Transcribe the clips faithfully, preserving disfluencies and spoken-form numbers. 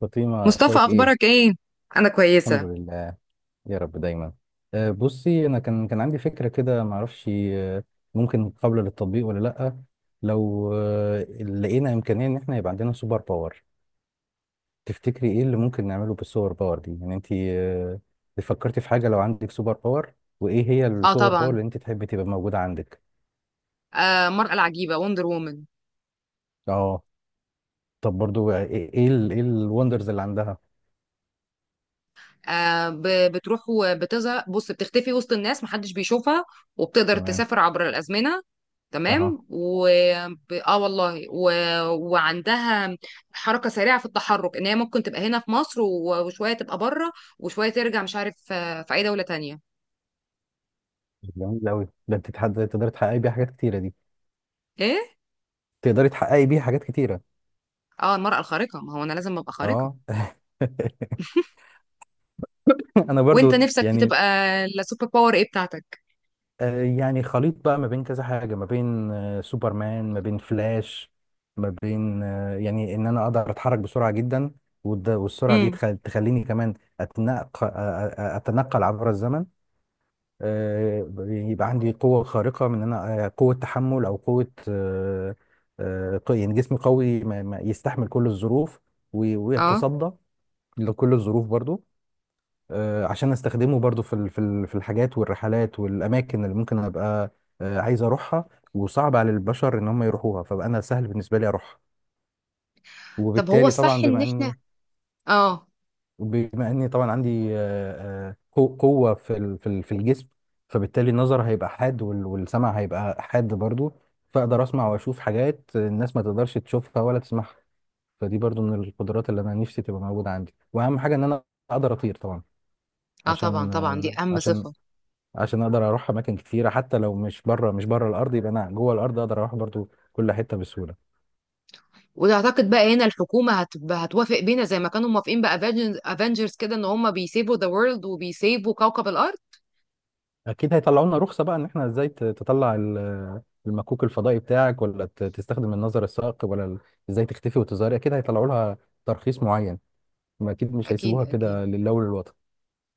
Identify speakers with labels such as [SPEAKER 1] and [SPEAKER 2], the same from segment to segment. [SPEAKER 1] فاطمة،
[SPEAKER 2] مصطفى
[SPEAKER 1] أخبارك إيه؟
[SPEAKER 2] اخبارك ايه؟ انا
[SPEAKER 1] الحمد
[SPEAKER 2] كويسه.
[SPEAKER 1] لله، يا رب دايما. أه بصي، أنا كان كان عندي فكرة كده، معرفش أه، ممكن قابلة للتطبيق ولا لأ. لو أه، لقينا إمكانية إن إحنا يبقى عندنا سوبر باور، تفتكري إيه اللي ممكن نعمله بالسوبر باور دي؟ يعني أنت أه، فكرتي في حاجة لو عندك سوبر باور؟ وإيه هي
[SPEAKER 2] اه
[SPEAKER 1] السوبر باور
[SPEAKER 2] طبعا.
[SPEAKER 1] اللي أنت تحبي تبقى موجودة عندك؟
[SPEAKER 2] آه مرأة العجيبه وندر وومن.
[SPEAKER 1] أه. طب برضو، آه، إيه إيه ال- إيه الوندرز اللي عندها؟
[SPEAKER 2] آه ب- بتروح وبتظهر، بص بتختفي وسط الناس محدش بيشوفها، وبتقدر
[SPEAKER 1] تمام.
[SPEAKER 2] تسافر عبر الازمنه.
[SPEAKER 1] أها.
[SPEAKER 2] تمام و ب- اه والله و... وعندها حركه سريعه في التحرك، ان هي ممكن تبقى هنا في مصر و... وشويه تبقى بره، وشويه ترجع، مش عارف آه، في اي دوله تانية.
[SPEAKER 1] جميل أوي ده، أنت تقدري تحققي بيها حاجات كتيرة دي،
[SPEAKER 2] ايه،
[SPEAKER 1] تقدري تحققي بيها حاجات كتيرة.
[SPEAKER 2] اه المرأة الخارقة، ما هو انا لازم ابقى خارقة.
[SPEAKER 1] اه. انا
[SPEAKER 2] وانت
[SPEAKER 1] برضو
[SPEAKER 2] نفسك
[SPEAKER 1] يعني،
[SPEAKER 2] تبقى السوبر باور ايه بتاعتك؟
[SPEAKER 1] آه، يعني خليط بقى ما بين كذا حاجه، ما بين آه، سوبرمان، ما بين فلاش، ما بين آه، يعني ان انا اقدر اتحرك بسرعه جدا. والد- والسرعه دي
[SPEAKER 2] امم.
[SPEAKER 1] تخل- تخليني كمان اتنقل، اتنقل عبر الزمن. آه، يبقى عندي قوه خارقه، من ان انا آه، قوه تحمل، او قوه آه، آه، ق- يعني جسمي قوي، ما- ما يستحمل كل الظروف وي-
[SPEAKER 2] اه
[SPEAKER 1] ويتصدى لكل الظروف برضو. آه، عشان استخدمه برضو في ال- في ال- في الحاجات والرحلات والاماكن اللي ممكن ابقى آه، عايز اروحها، وصعب على البشر ان هم يروحوها، فبقى انا سهل بالنسبه لي اروحها.
[SPEAKER 2] طب هو
[SPEAKER 1] وبالتالي طبعا
[SPEAKER 2] الصح ان
[SPEAKER 1] بما
[SPEAKER 2] احنا.
[SPEAKER 1] اني،
[SPEAKER 2] اه.
[SPEAKER 1] بما اني طبعا عندي آه، آه، قو- قوه في ال- في ال- في الجسم، فبالتالي النظر هيبقى حاد، وال- والسمع هيبقى حاد برضو. فاقدر اسمع واشوف حاجات الناس ما تقدرش تشوفها ولا تسمعها. فدي برضو من القدرات اللي انا نفسي تبقى موجوده عندي. واهم حاجه ان انا اقدر اطير طبعا،
[SPEAKER 2] اه طبعا
[SPEAKER 1] عشان
[SPEAKER 2] طبعا، دي
[SPEAKER 1] آه،
[SPEAKER 2] اهم
[SPEAKER 1] عشان
[SPEAKER 2] صفة.
[SPEAKER 1] عشان اقدر اروح اماكن كتيره. حتى لو مش بره، مش بره الارض، يبقى انا جوه الارض اقدر اروح برضو كل حته بسهوله.
[SPEAKER 2] وتعتقد بقى هنا الحكومة هتبقى هتوافق بينا زي ما كانوا موافقين بافنجرز كده، ان هم بيسيبوا ذا وورلد وبيسيبوا كوكب الارض؟
[SPEAKER 1] اكيد هيطلعوا لنا رخصه بقى، ان احنا ازاي ت- تطلع ال- المكوك الفضائي بتاعك، ولا ت- تستخدم النظر الثاقب، ولا ال- ازاي تختفي وتظهري. اكيد هيطلعوا لها ترخيص معين، ما اكيد مش
[SPEAKER 2] اكيد
[SPEAKER 1] هيسيبوها
[SPEAKER 2] اكيد.
[SPEAKER 1] كده لله وللوطن.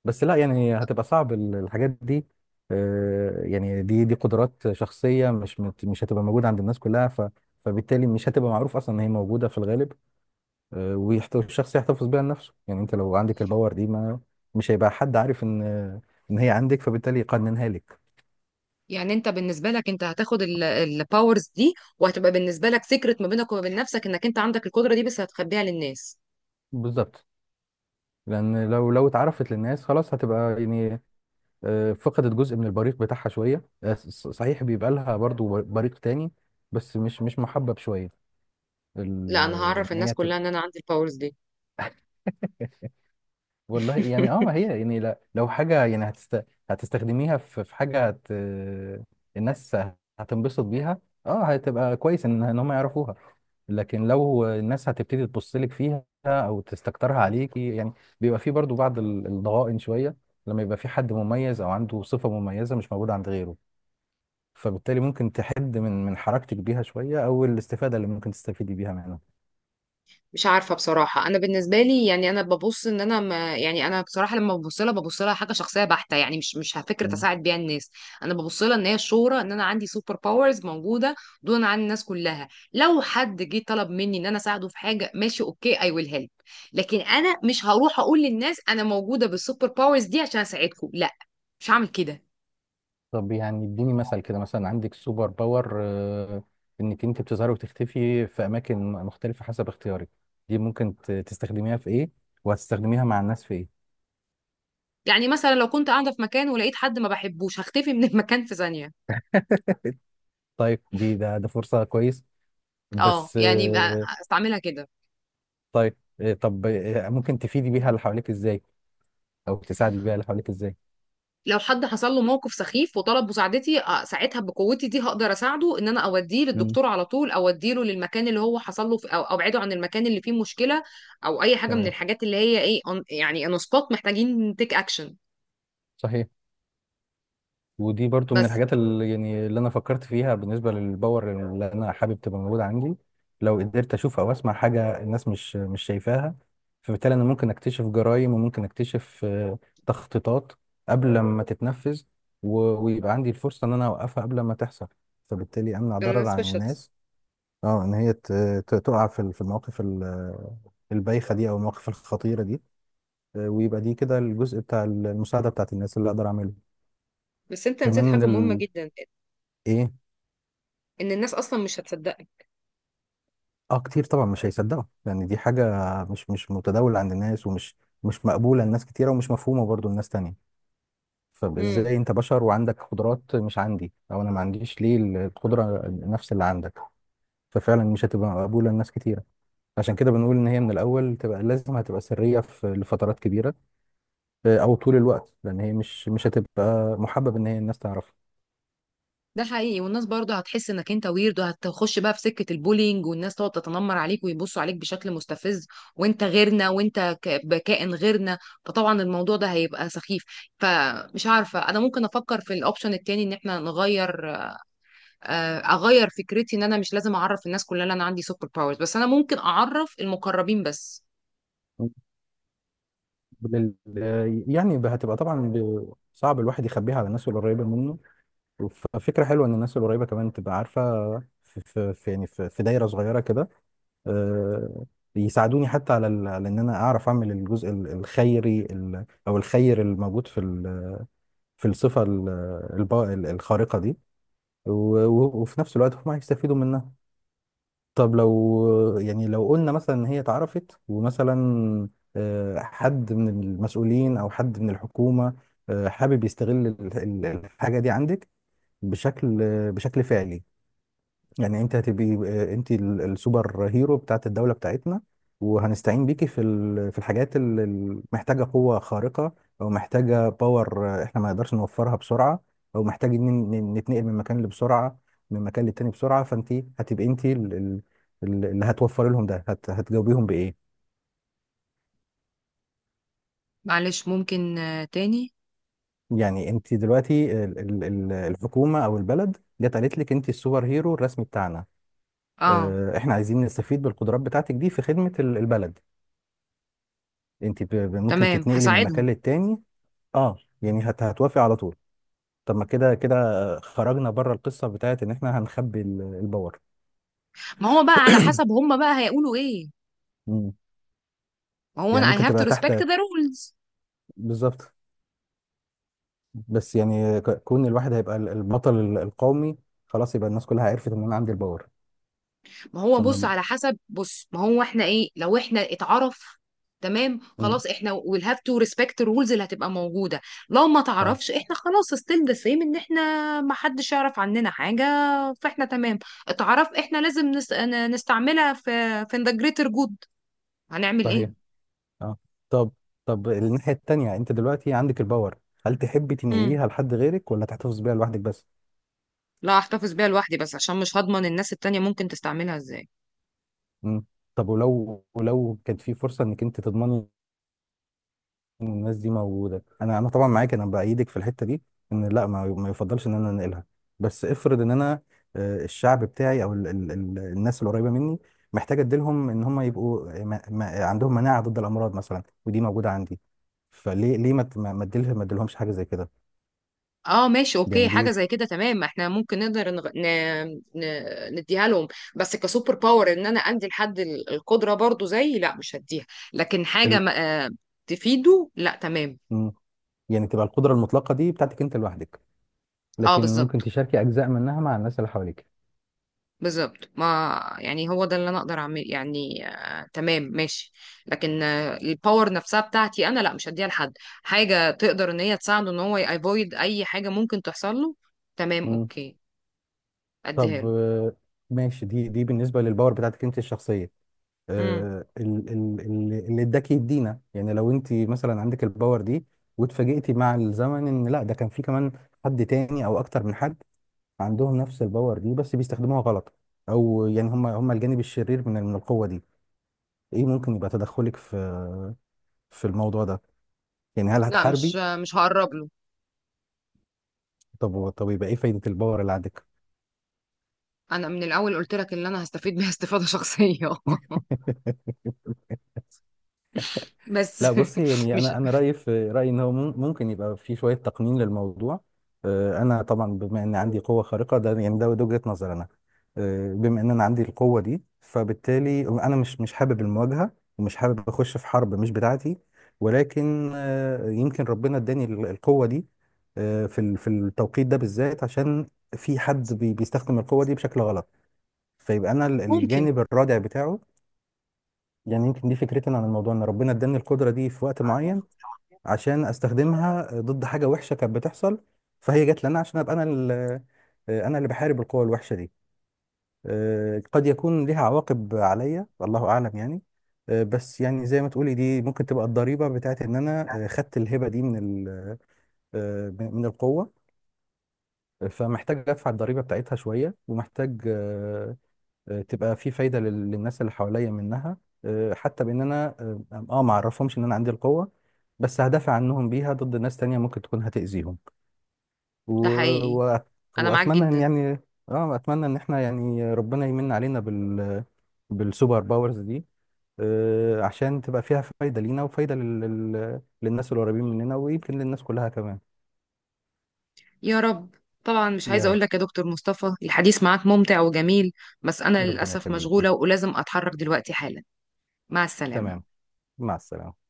[SPEAKER 1] بس لا يعني هتبقى صعب ال- الحاجات دي. آه، يعني دي دي قدرات شخصيه، مش مت- مش هتبقى موجوده عند الناس كلها. ف فبالتالي مش هتبقى معروف اصلا ان هي موجوده في الغالب. آه، ويحت- والشخص يحتفظ بيها لنفسه. يعني انت لو عندك الباور دي، ما مش هيبقى حد عارف ان، ان هي عندك، فبالتالي يقننها لك.
[SPEAKER 2] يعني انت بالنسبة لك، انت هتاخد الباورز دي وهتبقى بالنسبة لك سيكرت ما بينك وما بين نفسك، انك انت عندك القدرة دي بس هتخبيها للناس.
[SPEAKER 1] بالظبط. لان لو لو اتعرفت للناس، خلاص هتبقى يعني آه، فقدت جزء من البريق بتاعها شويه. آه، ص- صحيح بيبقى لها برضو بريق تاني، بس مش مش محبب شويه ال-
[SPEAKER 2] لا انا
[SPEAKER 1] آه،
[SPEAKER 2] هعرف
[SPEAKER 1] ان
[SPEAKER 2] الناس
[SPEAKER 1] هي تبقى.
[SPEAKER 2] كلها ان انا عندي الباورز دي.
[SPEAKER 1] والله يعني اه، ما هي يعني لا- لو حاجة يعني هتست... هتستخدميها في في حاجة هت... الناس هتنبسط بيها. اه هتبقى كويس ان ان هم يعرفوها. لكن لو الناس هتبتدي تبص لك فيها او تستكترها عليكي، يعني بيبقى في برضو بعض ال- الضغائن شوية، لما يبقى في حد مميز او عنده صفة مميزة مش موجودة عند غيره. فبالتالي ممكن تحد من من حركتك بيها شوية، او الاستفادة اللي ممكن تستفيدي بيها
[SPEAKER 2] مش عارفة بصراحة، أنا بالنسبة لي يعني أنا ببص إن أنا ما، يعني أنا بصراحة لما ببص لها، ببص لها حاجة شخصية بحتة، يعني مش مش فكرة
[SPEAKER 1] منها.
[SPEAKER 2] أساعد بيها الناس. أنا ببص لها إن هي الشهرة، إن أنا عندي سوبر باورز موجودة دون عن الناس كلها. لو حد جه طلب مني إن أنا أساعده في حاجة، ماشي أوكي، أي ويل هيلب. لكن أنا مش هروح أقول للناس أنا موجودة بالسوبر باورز دي عشان أساعدكم، لا مش هعمل كده.
[SPEAKER 1] طب يعني اديني مثل كده، مثلا عندك سوبر باور آه، انك انت بتظهري وتختفي في اماكن مختلفة حسب اختيارك. دي ممكن ت- تستخدميها في ايه؟ وهتستخدميها مع الناس في ايه؟
[SPEAKER 2] يعني مثلا لو كنت قاعدة في مكان ولقيت حد ما بحبوش، هختفي من المكان في ثانية.
[SPEAKER 1] طيب دي ده ده فرصة كويس،
[SPEAKER 2] اه
[SPEAKER 1] بس
[SPEAKER 2] يعني
[SPEAKER 1] آه،
[SPEAKER 2] استعملها كده.
[SPEAKER 1] طيب آه، طب آه، ممكن تفيدي بيها اللي حواليك ازاي، او تساعدي بيها اللي حواليك ازاي؟
[SPEAKER 2] لو حد حصل له موقف سخيف وطلب مساعدتي، آه، ساعتها بقوتي دي هقدر اساعده، ان انا اوديه
[SPEAKER 1] امم.
[SPEAKER 2] للدكتور على طول، اوديه له للمكان اللي هو حصل له في- او ابعده عن المكان اللي فيه مشكلة، او اي حاجة من
[SPEAKER 1] تمام.
[SPEAKER 2] الحاجات اللي هي ايه on- يعني اون سبوت محتاجين تيك اكشن.
[SPEAKER 1] صحيح. ودي برضو من
[SPEAKER 2] بس
[SPEAKER 1] الحاجات اللي يعني اللي انا فكرت فيها، بالنسبه للباور اللي انا حابب تبقى موجوده عندي. لو قدرت اشوف او اسمع حاجه الناس مش مش شايفاها، فبالتالي انا ممكن اكتشف جرائم، وممكن اكتشف آه، تخطيطات قبل ما تتنفذ، و- ويبقى عندي الفرصه ان انا اوقفها قبل ما تحصل، فبالتالي امنع ضرر
[SPEAKER 2] بالنسبة
[SPEAKER 1] عن
[SPEAKER 2] للشخص.
[SPEAKER 1] الناس. اه، ان هي ت- ت- تقع في ال- في المواقف ال- البايخه دي، او المواقف الخطيره دي. آه، ويبقى دي كده الجزء بتاع المساعده بتاعت الناس اللي اقدر اعمله.
[SPEAKER 2] بس انت
[SPEAKER 1] كمان
[SPEAKER 2] نسيت
[SPEAKER 1] من
[SPEAKER 2] حاجة مهمة
[SPEAKER 1] ال...
[SPEAKER 2] جدا،
[SPEAKER 1] ايه؟
[SPEAKER 2] ان الناس اصلا مش هتصدقك.
[SPEAKER 1] اه كتير طبعا مش هيصدقوا. يعني دي حاجة مش مش متداولة عند الناس، ومش مش مقبولة لناس كتيرة، ومش مفهومة برضو لناس تانية.
[SPEAKER 2] امم.
[SPEAKER 1] فازاي انت بشر وعندك قدرات مش عندي، او انا ما عنديش ليه القدرة نفس اللي عندك؟ ففعلا مش هتبقى مقبولة لناس كتيرة. عشان كده بنقول ان هي من الاول تبقى لازم هتبقى سرية في لفترات كبيرة، آه، او طول الوقت، لان هي مش مش هتبقى محبب ان هي الناس تعرفها.
[SPEAKER 2] ده حقيقي، والناس برضه هتحس انك انت ويرد، وهتخش بقى في سكة البولينج والناس تقعد تتنمر عليك ويبصوا عليك بشكل مستفز، وانت غيرنا، وانت ك- بكائن غيرنا. فطبعا الموضوع ده هيبقى سخيف. فمش عارفة، انا ممكن افكر في الاوبشن التاني ان احنا نغير. آه، اغير فكرتي ان انا مش لازم اعرف الناس كلها ان انا عندي سوبر باورز، بس انا ممكن اعرف المقربين بس.
[SPEAKER 1] بال- يعني هتبقى طبعا ب- صعب الواحد يخبيها على الناس القريبة منه، ففكرة حلوة إن الناس القريبة كمان تبقى عارفة. في, في, في يعني في, في دايرة صغيرة كده، آه، يساعدوني حتى على ال- على إن أنا أعرف أعمل الجزء ال- الخيري، ال- أو الخير الموجود في ال- في الصفة ال- الب- ال- الخارقة دي. و- و- وفي نفس الوقت هم هيستفيدوا منها. طب لو يعني لو قلنا مثلا إن هي اتعرفت، ومثلا آه، حد من المسؤولين أو حد من الحكومة آه، حابب يستغل ال- ال- الحاجة دي عندك بشكل، بشكل فعلي. يعني انت هتبقي آه، انت ال- السوبر هيرو بتاعت الدولة بتاعتنا، وهنستعين بيكي في ال- في الحاجات اللي محتاجة قوة خارقة، او محتاجة باور احنا ما نقدرش نوفرها بسرعة، او محتاجين ن- ن- نتنقل من مكان لبسرعة، من مكان للتاني بسرعة. فانت هتبقي انت ال- ال- ال- اللي هتوفري لهم ده، هت- هتجاوبيهم بإيه؟
[SPEAKER 2] معلش ممكن آه، تاني؟
[SPEAKER 1] يعني انت دلوقتي ال- ال- ال- الحكومة او البلد جت قالت لك انت السوبر هيرو الرسمي بتاعنا.
[SPEAKER 2] اه
[SPEAKER 1] اه، احنا عايزين نستفيد بالقدرات بتاعتك دي في خدمة ال- البلد، انت ب- ب- ممكن
[SPEAKER 2] تمام
[SPEAKER 1] تتنقلي من مكان
[SPEAKER 2] هساعدهم.
[SPEAKER 1] للتاني. اه يعني هت هتوافقي على طول؟ طب ما كده كده خرجنا بره القصه بتاعت ان احنا هنخبي ال- الباور.
[SPEAKER 2] ما هو بقى على حسب هم بقى هيقولوا ايه.
[SPEAKER 1] مم.
[SPEAKER 2] ما هو
[SPEAKER 1] يعني
[SPEAKER 2] انا I
[SPEAKER 1] ممكن
[SPEAKER 2] have to
[SPEAKER 1] تبقى تحت.
[SPEAKER 2] respect the rules.
[SPEAKER 1] بالظبط. بس يعني ك- كون الواحد هيبقى ال- البطل ال- القومي، خلاص يبقى الناس كلها عرفت ان انا عندي الباور.
[SPEAKER 2] ما هو بص،
[SPEAKER 1] فما.
[SPEAKER 2] على حسب، بص ما هو احنا ايه لو احنا اتعرف. تمام
[SPEAKER 1] مم.
[SPEAKER 2] خلاص احنا we'll have to respect الرولز اللي هتبقى موجودة. لو ما
[SPEAKER 1] تمام.
[SPEAKER 2] تعرفش احنا خلاص still the same، ان احنا ما حدش يعرف عننا حاجة. فاحنا تمام. اتعرف احنا لازم نس... ن- نستعملها في في the greater good. هنعمل
[SPEAKER 1] صحيح.
[SPEAKER 2] ايه؟
[SPEAKER 1] اه. طب، طب الناحيه التانيه، انت دلوقتي عندك الباور، هل تحبي
[SPEAKER 2] امم.
[SPEAKER 1] تنقليها لحد غيرك، ولا تحتفظ بيها لوحدك بس؟
[SPEAKER 2] لا احتفظ بيها لوحدي بس، عشان مش هضمن الناس التانية ممكن تستعملها ازاي.
[SPEAKER 1] مم. طب ولو ولو كانت في فرصه انك انت تضمني ان الناس دي موجوده، انا انا طبعا معاك، انا بايدك في الحته دي، ان لا ما, ما يفضلش ان انا انقلها. بس افرض ان انا آه، الشعب بتاعي او ال ال ال الناس القريبه مني، محتاج اديلهم ان هم يبقوا آه، ما ما عندهم مناعه ضد الامراض مثلا، ودي موجوده عندي. فليه، ليه ما ت- ما ما اديلهم ما اديلهمش حاجه زي كده؟
[SPEAKER 2] اه ماشي اوكي،
[SPEAKER 1] يعني دي
[SPEAKER 2] حاجه زي كده تمام، احنا ممكن نقدر نغ... ن... ن... نديها لهم. بس كسوبر باور ان انا عندي لحد ال- القدره برضو زي، لا مش هديها. لكن حاجه
[SPEAKER 1] ال.
[SPEAKER 2] ما... آه، تفيده، لا تمام.
[SPEAKER 1] مم. يعني تبقى القدره المطلقه دي بتاعتك انت لوحدك،
[SPEAKER 2] اه
[SPEAKER 1] لكن ممكن
[SPEAKER 2] بالظبط.
[SPEAKER 1] تشاركي اجزاء منها مع الناس اللي حواليك.
[SPEAKER 2] بالظبط، ما يعني هو ده اللي انا اقدر اعمل، يعني آه تمام ماشي. لكن آه الباور نفسها بتاعتي انا لا مش هديها لحد. حاجه تقدر ان هي تساعده ان هو يأفويد اي حاجه ممكن تحصل له، تمام
[SPEAKER 1] مم.
[SPEAKER 2] اوكي اديها
[SPEAKER 1] طب
[SPEAKER 2] له.
[SPEAKER 1] آه، ماشي، دي دي بالنسبه للباور بتاعتك انت الشخصيه.
[SPEAKER 2] مم.
[SPEAKER 1] آه، ال- ال- ال- اللي اداك يدينا، يعني لو انت مثلا عندك الباور دي واتفاجئتي مع الزمن ان لا، ده كان في كمان حد تاني او اكتر من حد عندهم نفس الباور دي، بس بيستخدموها غلط، او يعني هم هم الجانب الشرير من من القوة دي، ايه ممكن يبقى تدخلك في في الموضوع ده؟ يعني هل
[SPEAKER 2] لا مش
[SPEAKER 1] هتحاربي؟
[SPEAKER 2] آه، مش هقرب له.
[SPEAKER 1] طب طب يبقى ايه فايدة الباور اللي عندك؟
[SPEAKER 2] انا من الاول قلت لك ان انا هستفيد بيها استفادة شخصية. بس
[SPEAKER 1] لا بصي، يعني
[SPEAKER 2] مش
[SPEAKER 1] انا انا رايي، في رايي ان هو مم- ممكن يبقى في شويه تقنين للموضوع. آه، انا طبعا بما ان عندي قوه خارقه، ده يعني ده ده وجهه نظر انا، آه، بما ان انا عندي القوه دي، فبالتالي انا مش مش حابب المواجهه، ومش حابب اخش في حرب مش بتاعتي. ولكن آه، يمكن ربنا اداني ال- القوه دي آه، في ال- في التوقيت ده بالذات، عشان في حد بي- بيستخدم القوه دي بشكل غلط، فيبقى انا ال-
[SPEAKER 2] ممكن.
[SPEAKER 1] الجانب الرادع بتاعه. يعني يمكن دي فكرتي أنا عن الموضوع، ان ربنا اداني القدره دي في وقت معين عشان استخدمها ضد حاجه وحشه كانت بتحصل، فهي جت لنا عشان ابقى انا ال- آه، انا اللي بحارب القوى الوحشه دي. آه، قد يكون ليها عواقب عليا، الله اعلم يعني. آه، بس يعني زي ما تقولي، دي ممكن تبقى الضريبه بتاعت ان انا آه، خدت الهبه دي من ال- آه، من القوه، فمحتاج ادفع الضريبه بتاعتها شويه. ومحتاج آه، آه، تبقى في فايدة لل- للناس اللي حواليا منها، آه، حتى بان انا اه آه، ما اعرفهمش ان انا عندي القوة، بس هدافع عنهم بيها ضد ناس تانية ممكن تكون هتأذيهم. و...
[SPEAKER 2] ده حقيقي.
[SPEAKER 1] و...
[SPEAKER 2] انا معاك
[SPEAKER 1] واتمنى ان
[SPEAKER 2] جدا.
[SPEAKER 1] يعني، اه اتمنى ان احنا يعني ربنا يمن علينا بال بالسوبر باورز دي، آه، عشان تبقى فيها فايدة لينا، وفايدة لل... لل- للناس القريبين مننا، ويمكن للناس كلها كمان.
[SPEAKER 2] يا رب. طبعا مش عايزه
[SPEAKER 1] يا.
[SPEAKER 2] اقول لك، يا دكتور مصطفى الحديث معاك ممتع وجميل، بس انا
[SPEAKER 1] ربنا
[SPEAKER 2] للاسف
[SPEAKER 1] يخليكم.
[SPEAKER 2] مشغوله ولازم اتحرك دلوقتي حالا. مع
[SPEAKER 1] تمام.
[SPEAKER 2] السلامه.
[SPEAKER 1] مع السلامة.